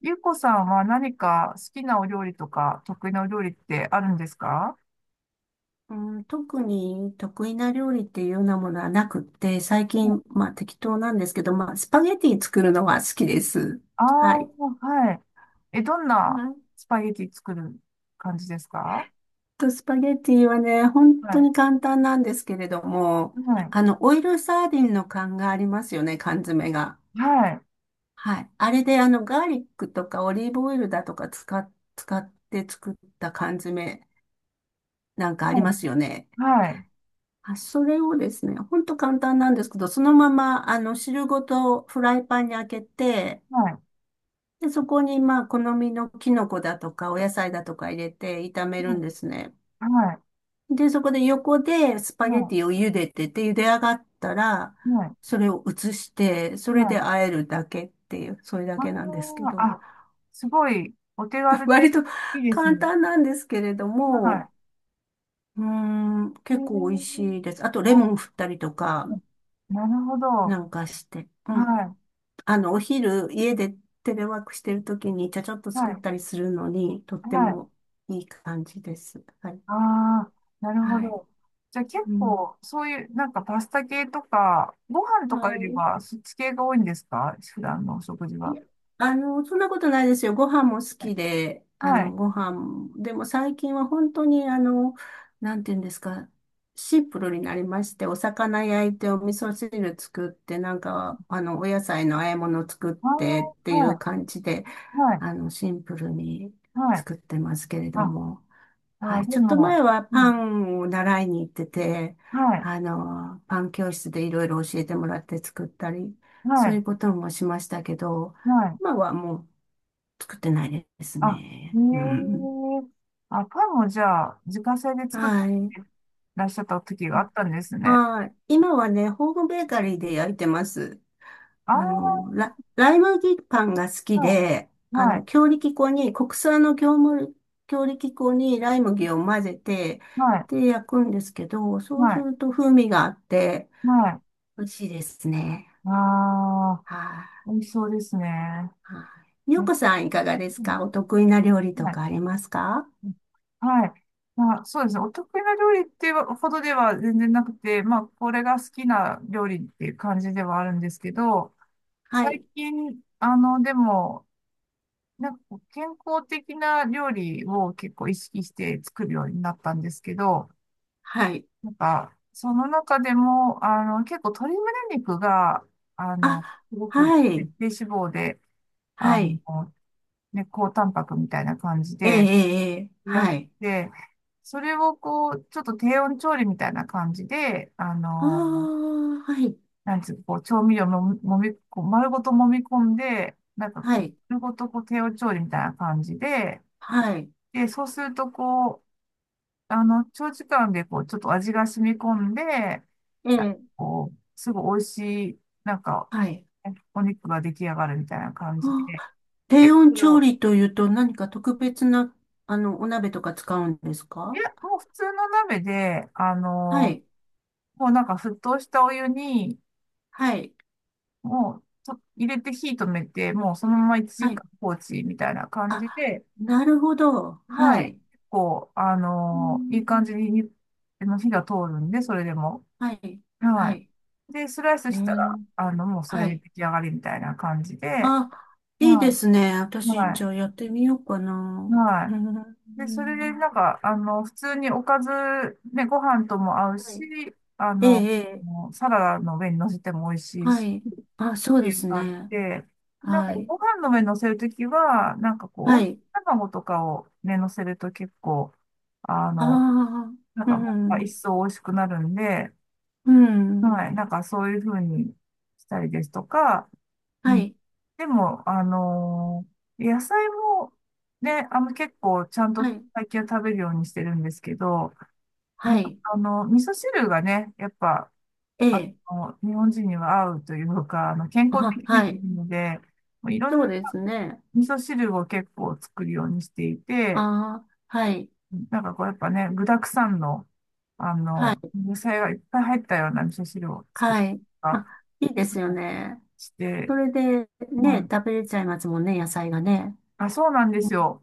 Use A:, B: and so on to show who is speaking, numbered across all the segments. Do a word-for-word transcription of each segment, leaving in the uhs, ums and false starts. A: ゆうこさんは何か好きなお料理とか得意なお料理ってあるんですか？
B: うん、特に得意な料理っていうようなものはなくって、最近、まあ適当なんですけど、まあスパゲティ作るのは好きです。
A: ああ
B: はい。
A: ー、はい。え、どん
B: あ
A: なスパゲティ作る感じですか？
B: と、スパゲティはね、本
A: は
B: 当
A: い。
B: に簡単なんですけれども、
A: はい。
B: あの、オイルサーディンの缶がありますよね、缶詰が。
A: はい。
B: はい。あれで、あの、ガーリックとかオリーブオイルだとか使っ、使って作った缶詰なんかあ
A: は
B: り
A: い
B: ますよね。
A: はい。
B: あ、それをですね、ほんと簡単なんですけど、そのまま、あの、汁ごとフライパンに開けて、
A: はい。
B: で、そこに、まあ、好みのキノコだとか、お野菜だとか入れて炒めるんですね。
A: はい。
B: で、そこで横でスパゲ
A: は
B: ティを茹でてて、茹で上がったら、
A: い。は
B: それを移して、そ
A: い。
B: れ
A: は
B: で
A: い
B: 和えるだけっていう、それだ
A: あ
B: けなんですけ
A: ー
B: ど、
A: あ、すごいお手 軽
B: 割
A: で
B: と
A: いいです
B: 簡
A: ね。
B: 単なんですけれども、
A: は
B: うーん、
A: い。え
B: 結構美味しい
A: ー、
B: です。あと、レモン振ったりとか、
A: お、なるほど。は
B: なんかして。うん
A: い。
B: あの、お昼、家でテレワークしてるときに、ちゃちゃっと
A: は
B: 作っ
A: い。
B: たりするのに、とっ
A: は
B: て
A: い。
B: もいい感じです。はい。
A: ああ、なるほ
B: はい。
A: ど。じゃあ結
B: うん。
A: 構、そういう、なんかパスタ系とか、ご飯とかよ
B: は
A: り
B: い。
A: は、そっち系が多いんですか普段のお食事
B: い
A: は？
B: や、あの、そんなことないですよ。ご飯も好きで、あ
A: は
B: の、
A: い。
B: ご飯、でも最近は本当に、あの、なんていうんですか、シンプルになりまして、お魚焼いて、お味噌汁作って、なんか、あの、お野菜の和え物作っ
A: あ
B: てって
A: あ、
B: いう
A: は
B: 感じで、
A: い、はい、
B: あの、シンプルに
A: はい。
B: 作ってますけれど
A: あ、
B: も、
A: あ
B: は
A: ー、
B: い。
A: で
B: ちょっと前
A: も、
B: は
A: う
B: パ
A: ん。
B: ンを習いに行ってて、
A: はい、
B: あの、パン教室でいろいろ教えてもらって作ったり、
A: は
B: そうい
A: い、
B: うこともしましたけど、
A: はい。
B: 今はもう作ってないです
A: あ、へ
B: ね。う
A: え。
B: ん。
A: あ、パンもじゃあ、自家製で作って
B: はい。
A: らっしゃった時があったんですね。
B: はい。今はね、ホームベーカリーで焼いてます。
A: ああ、
B: あの、ラ、ライ麦パンが好きで、あ
A: は
B: の、
A: い、
B: 強力粉に、国産の業務、強力粉にライ麦を混ぜて、
A: はい、はい、
B: で、焼くんですけど、そ
A: は
B: うす
A: い、
B: ると風味があって、
A: はい。
B: 美味しいですね。
A: ああ、
B: はい、
A: 美味しそうですね。
B: はい。ゆ
A: う
B: うこさんいかがですか？お
A: ん
B: 得意な料理と
A: はい。
B: かありますか？
A: はい。まあ、そうですね。お得意な料理っていうほどでは全然なくて、まあ、これが好きな料理っていう感じではあるんですけど、
B: は
A: 最
B: い、
A: 近、あの、でも、なんかこう健康的な料理を結構意識して作るようになったんですけど、
B: はい。
A: なんか、その中でも、あの、結構鶏胸肉が、あの、
B: あ、
A: すごく、
B: は
A: ね、
B: い、
A: 低脂肪で、あ
B: はい。
A: の、ね、高タンパクみたいな感じ
B: ええ、え
A: で、
B: え、ええ
A: いら
B: は
A: し
B: い。
A: て、それをこう、ちょっと低温調理みたいな感じで、あ
B: あ
A: の、
B: あ、はい、
A: なんつうか、こう、調味料ももみ、こう丸ごと揉み込んで、なんか
B: は
A: こう、
B: い、
A: 丸ごとこう、低温調理みたいな感じで、
B: はい。
A: で、そうするとこう、あの、長時間でこう、ちょっと味が染み込んで、
B: え
A: なんか
B: え、
A: こう、すごい美味しい、なんか、
B: はい。
A: お肉が出来上がるみたいな感じ
B: あ
A: で、で
B: 低
A: 結構
B: 温
A: これ
B: 調
A: を、
B: 理というと何か特別な、あの、お鍋とか使うんです
A: いや、
B: か？
A: もう普通の鍋で、あ
B: は
A: の
B: い。
A: もうなんか沸騰したお湯に、
B: はい。
A: もうと入れて火止めて、もうそのまま1
B: はい。
A: 時間放置みたいな感じ
B: あ、
A: で、
B: なるほど。は
A: はい。
B: い。
A: 結構、あ
B: う
A: のーいい感
B: ん
A: じにに、あの火が通るんで、それでも。
B: はい。は
A: は
B: い。
A: い。で、スライス
B: う
A: したら、
B: ん
A: あの、もうそ
B: は
A: れで
B: い。
A: 出来上がりみたいな感じで、
B: あ、いいで
A: は
B: すね。
A: い。
B: 私、じ
A: は
B: ゃあやってみようか
A: い。
B: な。
A: は
B: う
A: い。で、それでな
B: ん
A: んか、あの、普通におかず、ね、ご飯とも合う
B: は
A: し、
B: い。
A: あ
B: ええ、
A: の、
B: ええ
A: もうサラダの上に乗せても美味しい
B: は
A: し、
B: い。あ、そう
A: て
B: で
A: いう
B: す
A: 感じ
B: ね。
A: で、なんか
B: はい。
A: ご飯の上乗せるときは、なんかこう、
B: は
A: 温
B: い。
A: 泉卵とかをね、乗せると結構、あ
B: あ
A: の、なん
B: あ、う
A: かまた一
B: ん。
A: 層美味しくなるんで、
B: うん。
A: はい、なんかそういう風にしたりですとか、う
B: は
A: ん、
B: い。
A: でも、あのー野菜もね、あの結構ちゃんと
B: はい。
A: 最近は食べるようにしてるんですけど、ま
B: は
A: あ、
B: い。
A: あの、味噌汁がね、やっぱ、あ
B: ええ
A: の、日本人には合うというか、あの、健康
B: あ、
A: 的にも
B: は
A: い
B: い。
A: いので、もういろん
B: そう
A: な
B: ですね。
A: 味噌汁を結構作るようにしてい
B: あ
A: て、
B: あはい。
A: なんかこうやっぱね、具沢山の、あ
B: は
A: の、
B: い。
A: 野菜がいっぱい入ったような味噌汁を作っ
B: はい。
A: た
B: あ、
A: り
B: いいですよね。
A: し
B: そ
A: て、
B: れで、
A: は
B: ね、
A: い。
B: 食べれちゃいますもんね、野菜がね。
A: あ、そうなんですよ。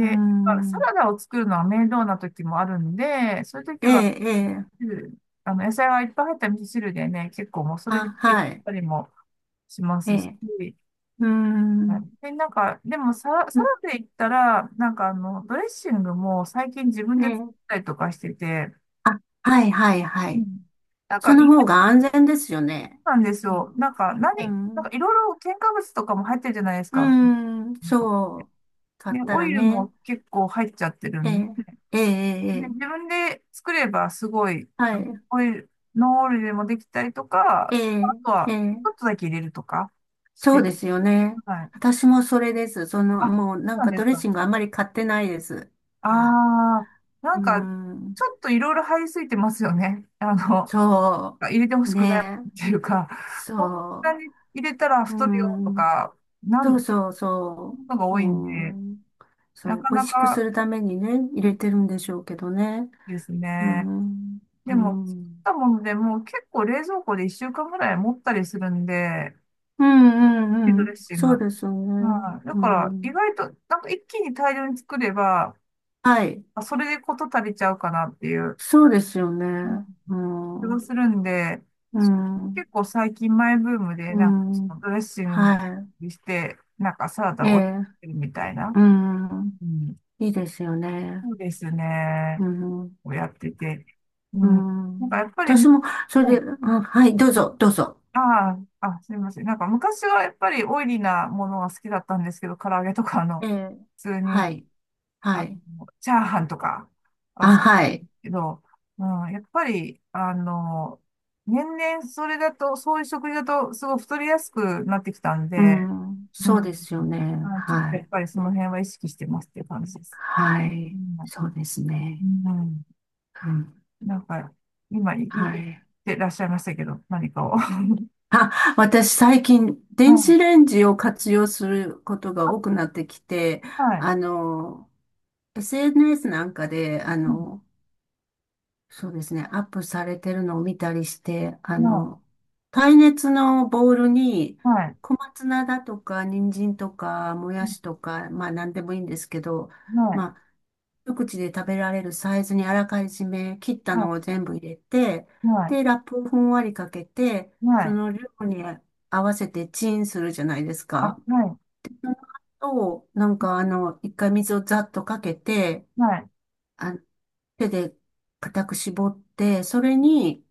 B: うー
A: だからサ
B: ん。
A: ラダを作るのは面倒な時もあるんで、そういう時
B: え
A: は、
B: え、ええ。
A: 汁あの、野菜がいっぱい入った味噌汁でね、結構もうそれ
B: あ、
A: で出て
B: は
A: き
B: い。
A: たりもしま
B: え
A: すし、
B: え。うー
A: はい
B: ん。
A: で、なんか、でもサラ、
B: う
A: サラ
B: ん
A: ダで言ったら、なんかあの、ドレッシングも最近自分
B: え
A: で作っ
B: え。
A: たりとかしてて、
B: あ、はい、はい、は
A: う
B: い。
A: ん。なんか
B: その
A: 意
B: 方
A: 外
B: が安全ですよね。
A: なんです
B: う
A: よ。
B: ん。
A: なんか
B: う
A: 何、なんか
B: ん。
A: いろいろ添加物とかも入ってるじゃないです
B: うー
A: か。
B: ん。そう。買
A: で、
B: った
A: オ
B: ら
A: イル
B: ね。
A: も結構入っちゃってる
B: え
A: んで、
B: え、ええ、ええ。
A: で自
B: ええ
A: 分で作ればすごい、
B: は
A: あの
B: い。
A: オイル、ノンオイルでもできたりとか、
B: え
A: あ
B: え、
A: と
B: え
A: は
B: え。
A: ちょっとだけ入れるとかし
B: そう
A: て、
B: ですよね。
A: はい。
B: 私もそれです。その、
A: あ、そう
B: もうなん
A: なん
B: か
A: で
B: ド
A: す
B: レッ
A: か。
B: シングあんまり買ってないです。
A: あ
B: は
A: あ、
B: い。
A: なん
B: う
A: か
B: ん。
A: ちょっといろいろ入りすぎてますよね。あの、
B: そ
A: 入れてほ
B: う。
A: しくない
B: ね。
A: っていうか、こんな
B: そ
A: に入れたら
B: う。
A: 太
B: う
A: るよと
B: ん。
A: か、な
B: そう
A: ん、こ
B: そうそ
A: とが
B: う。
A: 多いんで、
B: うん。
A: な
B: そう。
A: か
B: 美
A: な
B: 味しくす
A: か
B: るためにね、入れてるんでしょうけどね。
A: です
B: う
A: ね。
B: ん。
A: で
B: う
A: も、作っ
B: ん。
A: たものでもう結構冷蔵庫でいっしゅうかんぐらい持ったりするんで、
B: うんう
A: ピ
B: ん
A: ド
B: う
A: レ
B: ん。
A: ッシング。
B: そうですよね。
A: はい。だ
B: う
A: から、意
B: ん。
A: 外と、なんか一気に大量に作れば、
B: はい。
A: あそれでこと足りちゃうかなっていう。
B: そうですよ
A: うん、
B: ね。う
A: 気が
B: ん。
A: するんで、
B: うん。
A: 結構最近マイブームで、
B: う
A: なんかそ
B: ん。
A: のドレッシン
B: は
A: グして、なんかサラ
B: い。
A: ダ
B: え
A: を置い
B: え。
A: てるみたいな。
B: う
A: う
B: ん。
A: ん、
B: いいですよね。
A: そうですね。
B: うん。
A: をやってて。う
B: う
A: ん、なんかや
B: ん。
A: っぱり、ね、
B: 私も、それで、うんはい、どうぞ、どうぞ。
A: ああ、あ、すみません。なんか昔はやっぱりオイリーなものが好きだったんですけど、唐揚げとかあの、
B: ええ。
A: 普通に
B: はい。
A: あ
B: はい。
A: の、チャーハンとか、あ、
B: あ、
A: そ
B: はい。
A: けど、うん、やっぱり、あの、年々それだと、そういう食事だと、すごい太りやすくなってきたん
B: う
A: で、
B: ん。
A: うん、
B: そうですよね。
A: はい、ちょっ
B: は
A: とや
B: い。
A: っぱりその辺は意識してますっていう感じです。
B: は
A: う
B: い。そうですね。
A: ん、うん、
B: うん。
A: なんか、今、い言っ
B: はい。
A: てらっしゃいましたけど、何かを。は
B: あ、私最近、電子
A: い、
B: レンジを活用することが多くなってきて、
A: はい、
B: あの、エスエヌエス なんかで、あ
A: う
B: の、そうですね。アップされてるのを見たりして、あ
A: ん、
B: の、耐熱のボウルに、
A: はい、はい、
B: 小松菜だとか、人参とか、も
A: う
B: やしとか、まあ何でもいいんですけど、
A: んはい、
B: まあ、一口で食べられるサイズにあらかじめ切ったのを
A: は
B: 全部入れて、
A: い、はい、
B: で、ラップをふんわりかけて、
A: は
B: そ
A: い、
B: の量に合わせてチンするじゃないです
A: あ、
B: か。
A: はい、
B: と、なんかあの、一回水をざっとかけて、
A: はい、
B: あ、手で固く絞って、それに、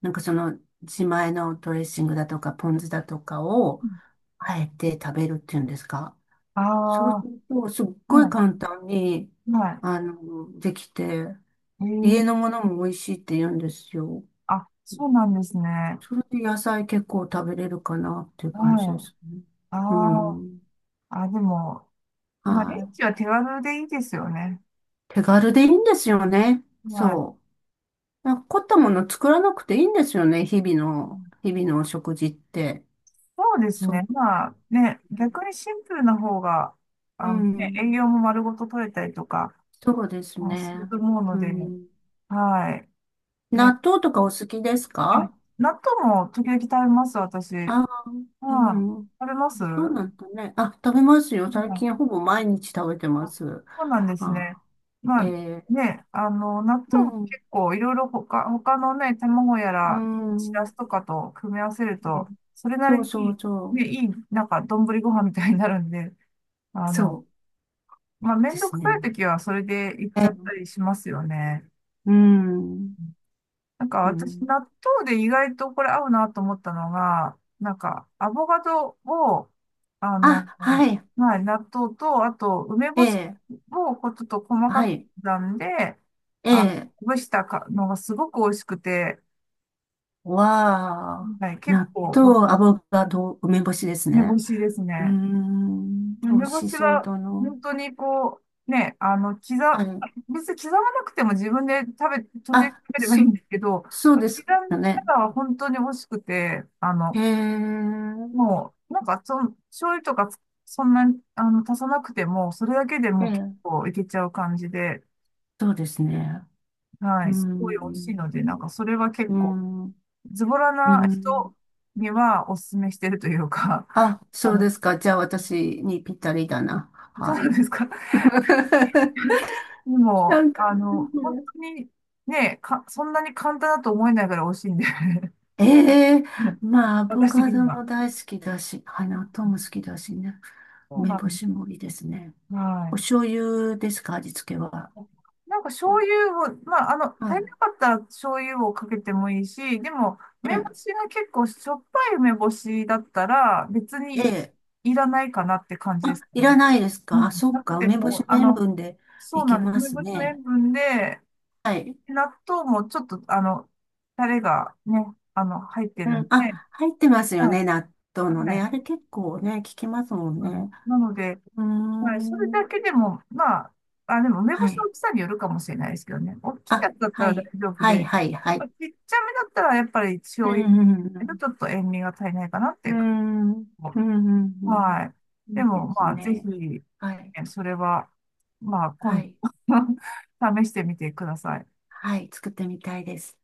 B: なんかその自前のドレッシングだとかポン酢だとかをあえて食べるっていうんですか。そう
A: あ
B: す
A: あ
B: ると、すっ
A: ー、
B: ごい
A: は
B: 簡単に、
A: い、はい。
B: あの、できて、
A: え
B: 家
A: ー、
B: のものも美味しいって言うんですよ。
A: あ、そうなんですね。
B: それで野菜結構食べれるかなっていう
A: う
B: 感じで
A: ん。
B: すね。
A: あ
B: う
A: あ、
B: ん。
A: あ、でも、
B: は
A: まあ、レン
B: い。
A: ジは手軽でいいですよね。
B: 手軽でいいんですよね。
A: まあ、
B: そう。なんか凝ったもの作らなくていいんですよね。日々
A: う
B: の、
A: ん、
B: 日々のお食事って。
A: そうです
B: そ
A: ね。
B: う。
A: まあ、ね、逆にシンプルな方が、
B: う
A: あの、ね、
B: ん。
A: 栄養も丸ごと取れたりとか、
B: そうです
A: まあ、する
B: ね。
A: と思うの
B: う
A: で、
B: ん。
A: はい。ね、
B: 納豆とかお好きです
A: あ、
B: か？
A: 納豆も時々食べます、私。
B: ああー、う
A: はい。
B: ん。
A: 食べます
B: そう
A: う
B: なんだね。あ、食べますよ。最近
A: ん
B: ほぼ毎日食べてま
A: あ、
B: す。
A: そうなんですね。
B: あ、
A: ま
B: え
A: あ
B: ー、
A: ね、あの、納
B: う
A: 豆も結
B: ん、
A: 構いろいろ他、他のね、卵や
B: う
A: ら、しら
B: ん。
A: すとかと組み合わせると、それな
B: そう
A: り
B: そう
A: に、
B: そ
A: ね、
B: う。
A: いい、なんか、丼ご飯みたいになるんで、あの、
B: そ
A: まあ、め
B: う
A: ん
B: で
A: ど
B: す
A: くさい
B: ね。
A: 時はそれでいっ
B: え
A: ちゃっ
B: え、
A: たりしますよね。
B: うん、
A: なんか
B: う
A: 私、
B: ん。
A: 納豆で意外とこれ合うなと思ったのが、なんか、アボカドを、あの、
B: あ、はい。
A: まあ、納豆と、あと、梅
B: え
A: 干し
B: え、
A: をこうちょっと細か
B: は
A: く
B: い。
A: 刻んで、
B: え
A: あ、
B: え、
A: ほぐしたかのがすごく美味しくて、
B: わあ。
A: はい、結
B: 納
A: 構、
B: 豆、アボカド、梅干しです
A: 梅干
B: ね。
A: しです
B: うー
A: ね。
B: ん、美
A: 梅
B: 味
A: 干
B: し
A: し
B: そう
A: は、
B: だな。
A: 本当にこう、ね、あの、刻、
B: はい。
A: 別に刻まなくても自分で食べ、時々
B: あ、
A: 食べればいい
B: そ、
A: んですけど、刻
B: そうで
A: ん
B: すかね。
A: だら本当に美味しくて、あ
B: へ
A: の、
B: え、
A: もう、なんか、その、醤油とかつそんなに、あの、足さなくても、それだけで
B: え
A: もう結
B: え、
A: 構いけちゃう感じで、
B: そうですね。
A: は
B: う
A: い、すごい美味しいの
B: ん、
A: で、なんか、それは結
B: う
A: 構、
B: ん、
A: ズボラ
B: う
A: な
B: ん。
A: 人にはおすすめしてるというか、
B: あ、
A: あ
B: そう
A: の、
B: ですか。じゃあ私にぴったりだな。
A: どう
B: は
A: な
B: い。
A: んですか？ で
B: な
A: も、
B: んか、
A: あの、本当に、ね、か、そんなに簡単だと思えないぐらい美味しいんで
B: ええ まあ、アボ
A: 私
B: カ
A: 的
B: ド
A: には。
B: も大好きだし、はい、納豆も好きだしね。
A: そう
B: 梅
A: な
B: 干
A: んで
B: しもいいですね。
A: す。は
B: お
A: い。
B: 醤油ですか、味付けは。
A: なんか
B: お
A: 醤油を、まあ、あの、足
B: は
A: り
B: い。
A: なかったら醤油をかけてもいいし、でも、梅
B: え
A: 干
B: え、
A: しが結構しょっぱい梅干しだったら別に
B: ええ
A: いらないかなって感じで
B: あ、
A: す
B: い
A: ね。
B: らないです
A: う
B: か
A: ん、
B: あ、そっ
A: なく
B: か。
A: て
B: 梅干し
A: も、
B: の
A: あ
B: 塩
A: の、
B: 分で
A: そ
B: い
A: う
B: け
A: なんです。
B: ま
A: 梅
B: す
A: 干しの塩
B: ね。
A: 分で、
B: はい。
A: 納豆もちょっと、あの、タレがね、あの、入って
B: う
A: るん
B: ん。あ、
A: で、
B: 入ってますよ
A: はい、
B: ね。納豆の
A: は
B: ね。あ
A: い。
B: れ結構ね、効きますもん
A: うん、
B: ね。
A: なので、
B: うー
A: はい、それだ
B: ん。
A: けでも、まあ、あ、でも梅干
B: は
A: しの
B: い。
A: 大きさによるかもしれないですけどね。大きい
B: あ、
A: やつだった
B: は
A: ら大
B: い。
A: 丈夫
B: は
A: で、
B: い、はい、は
A: ま
B: い。
A: あちっちゃめだったらやっぱり
B: う
A: 醤油だと
B: ん、
A: ちょっと塩味が足りないかなってい
B: う
A: うか。
B: ん、うん。うん、うん、うん。
A: はい。
B: うんい
A: で
B: い
A: も、
B: です
A: まあ、ぜひ、
B: ね。
A: ね、
B: はい。
A: それは、まあ、
B: は
A: 今
B: い。
A: 度 試してみてください。
B: はい。作ってみたいです。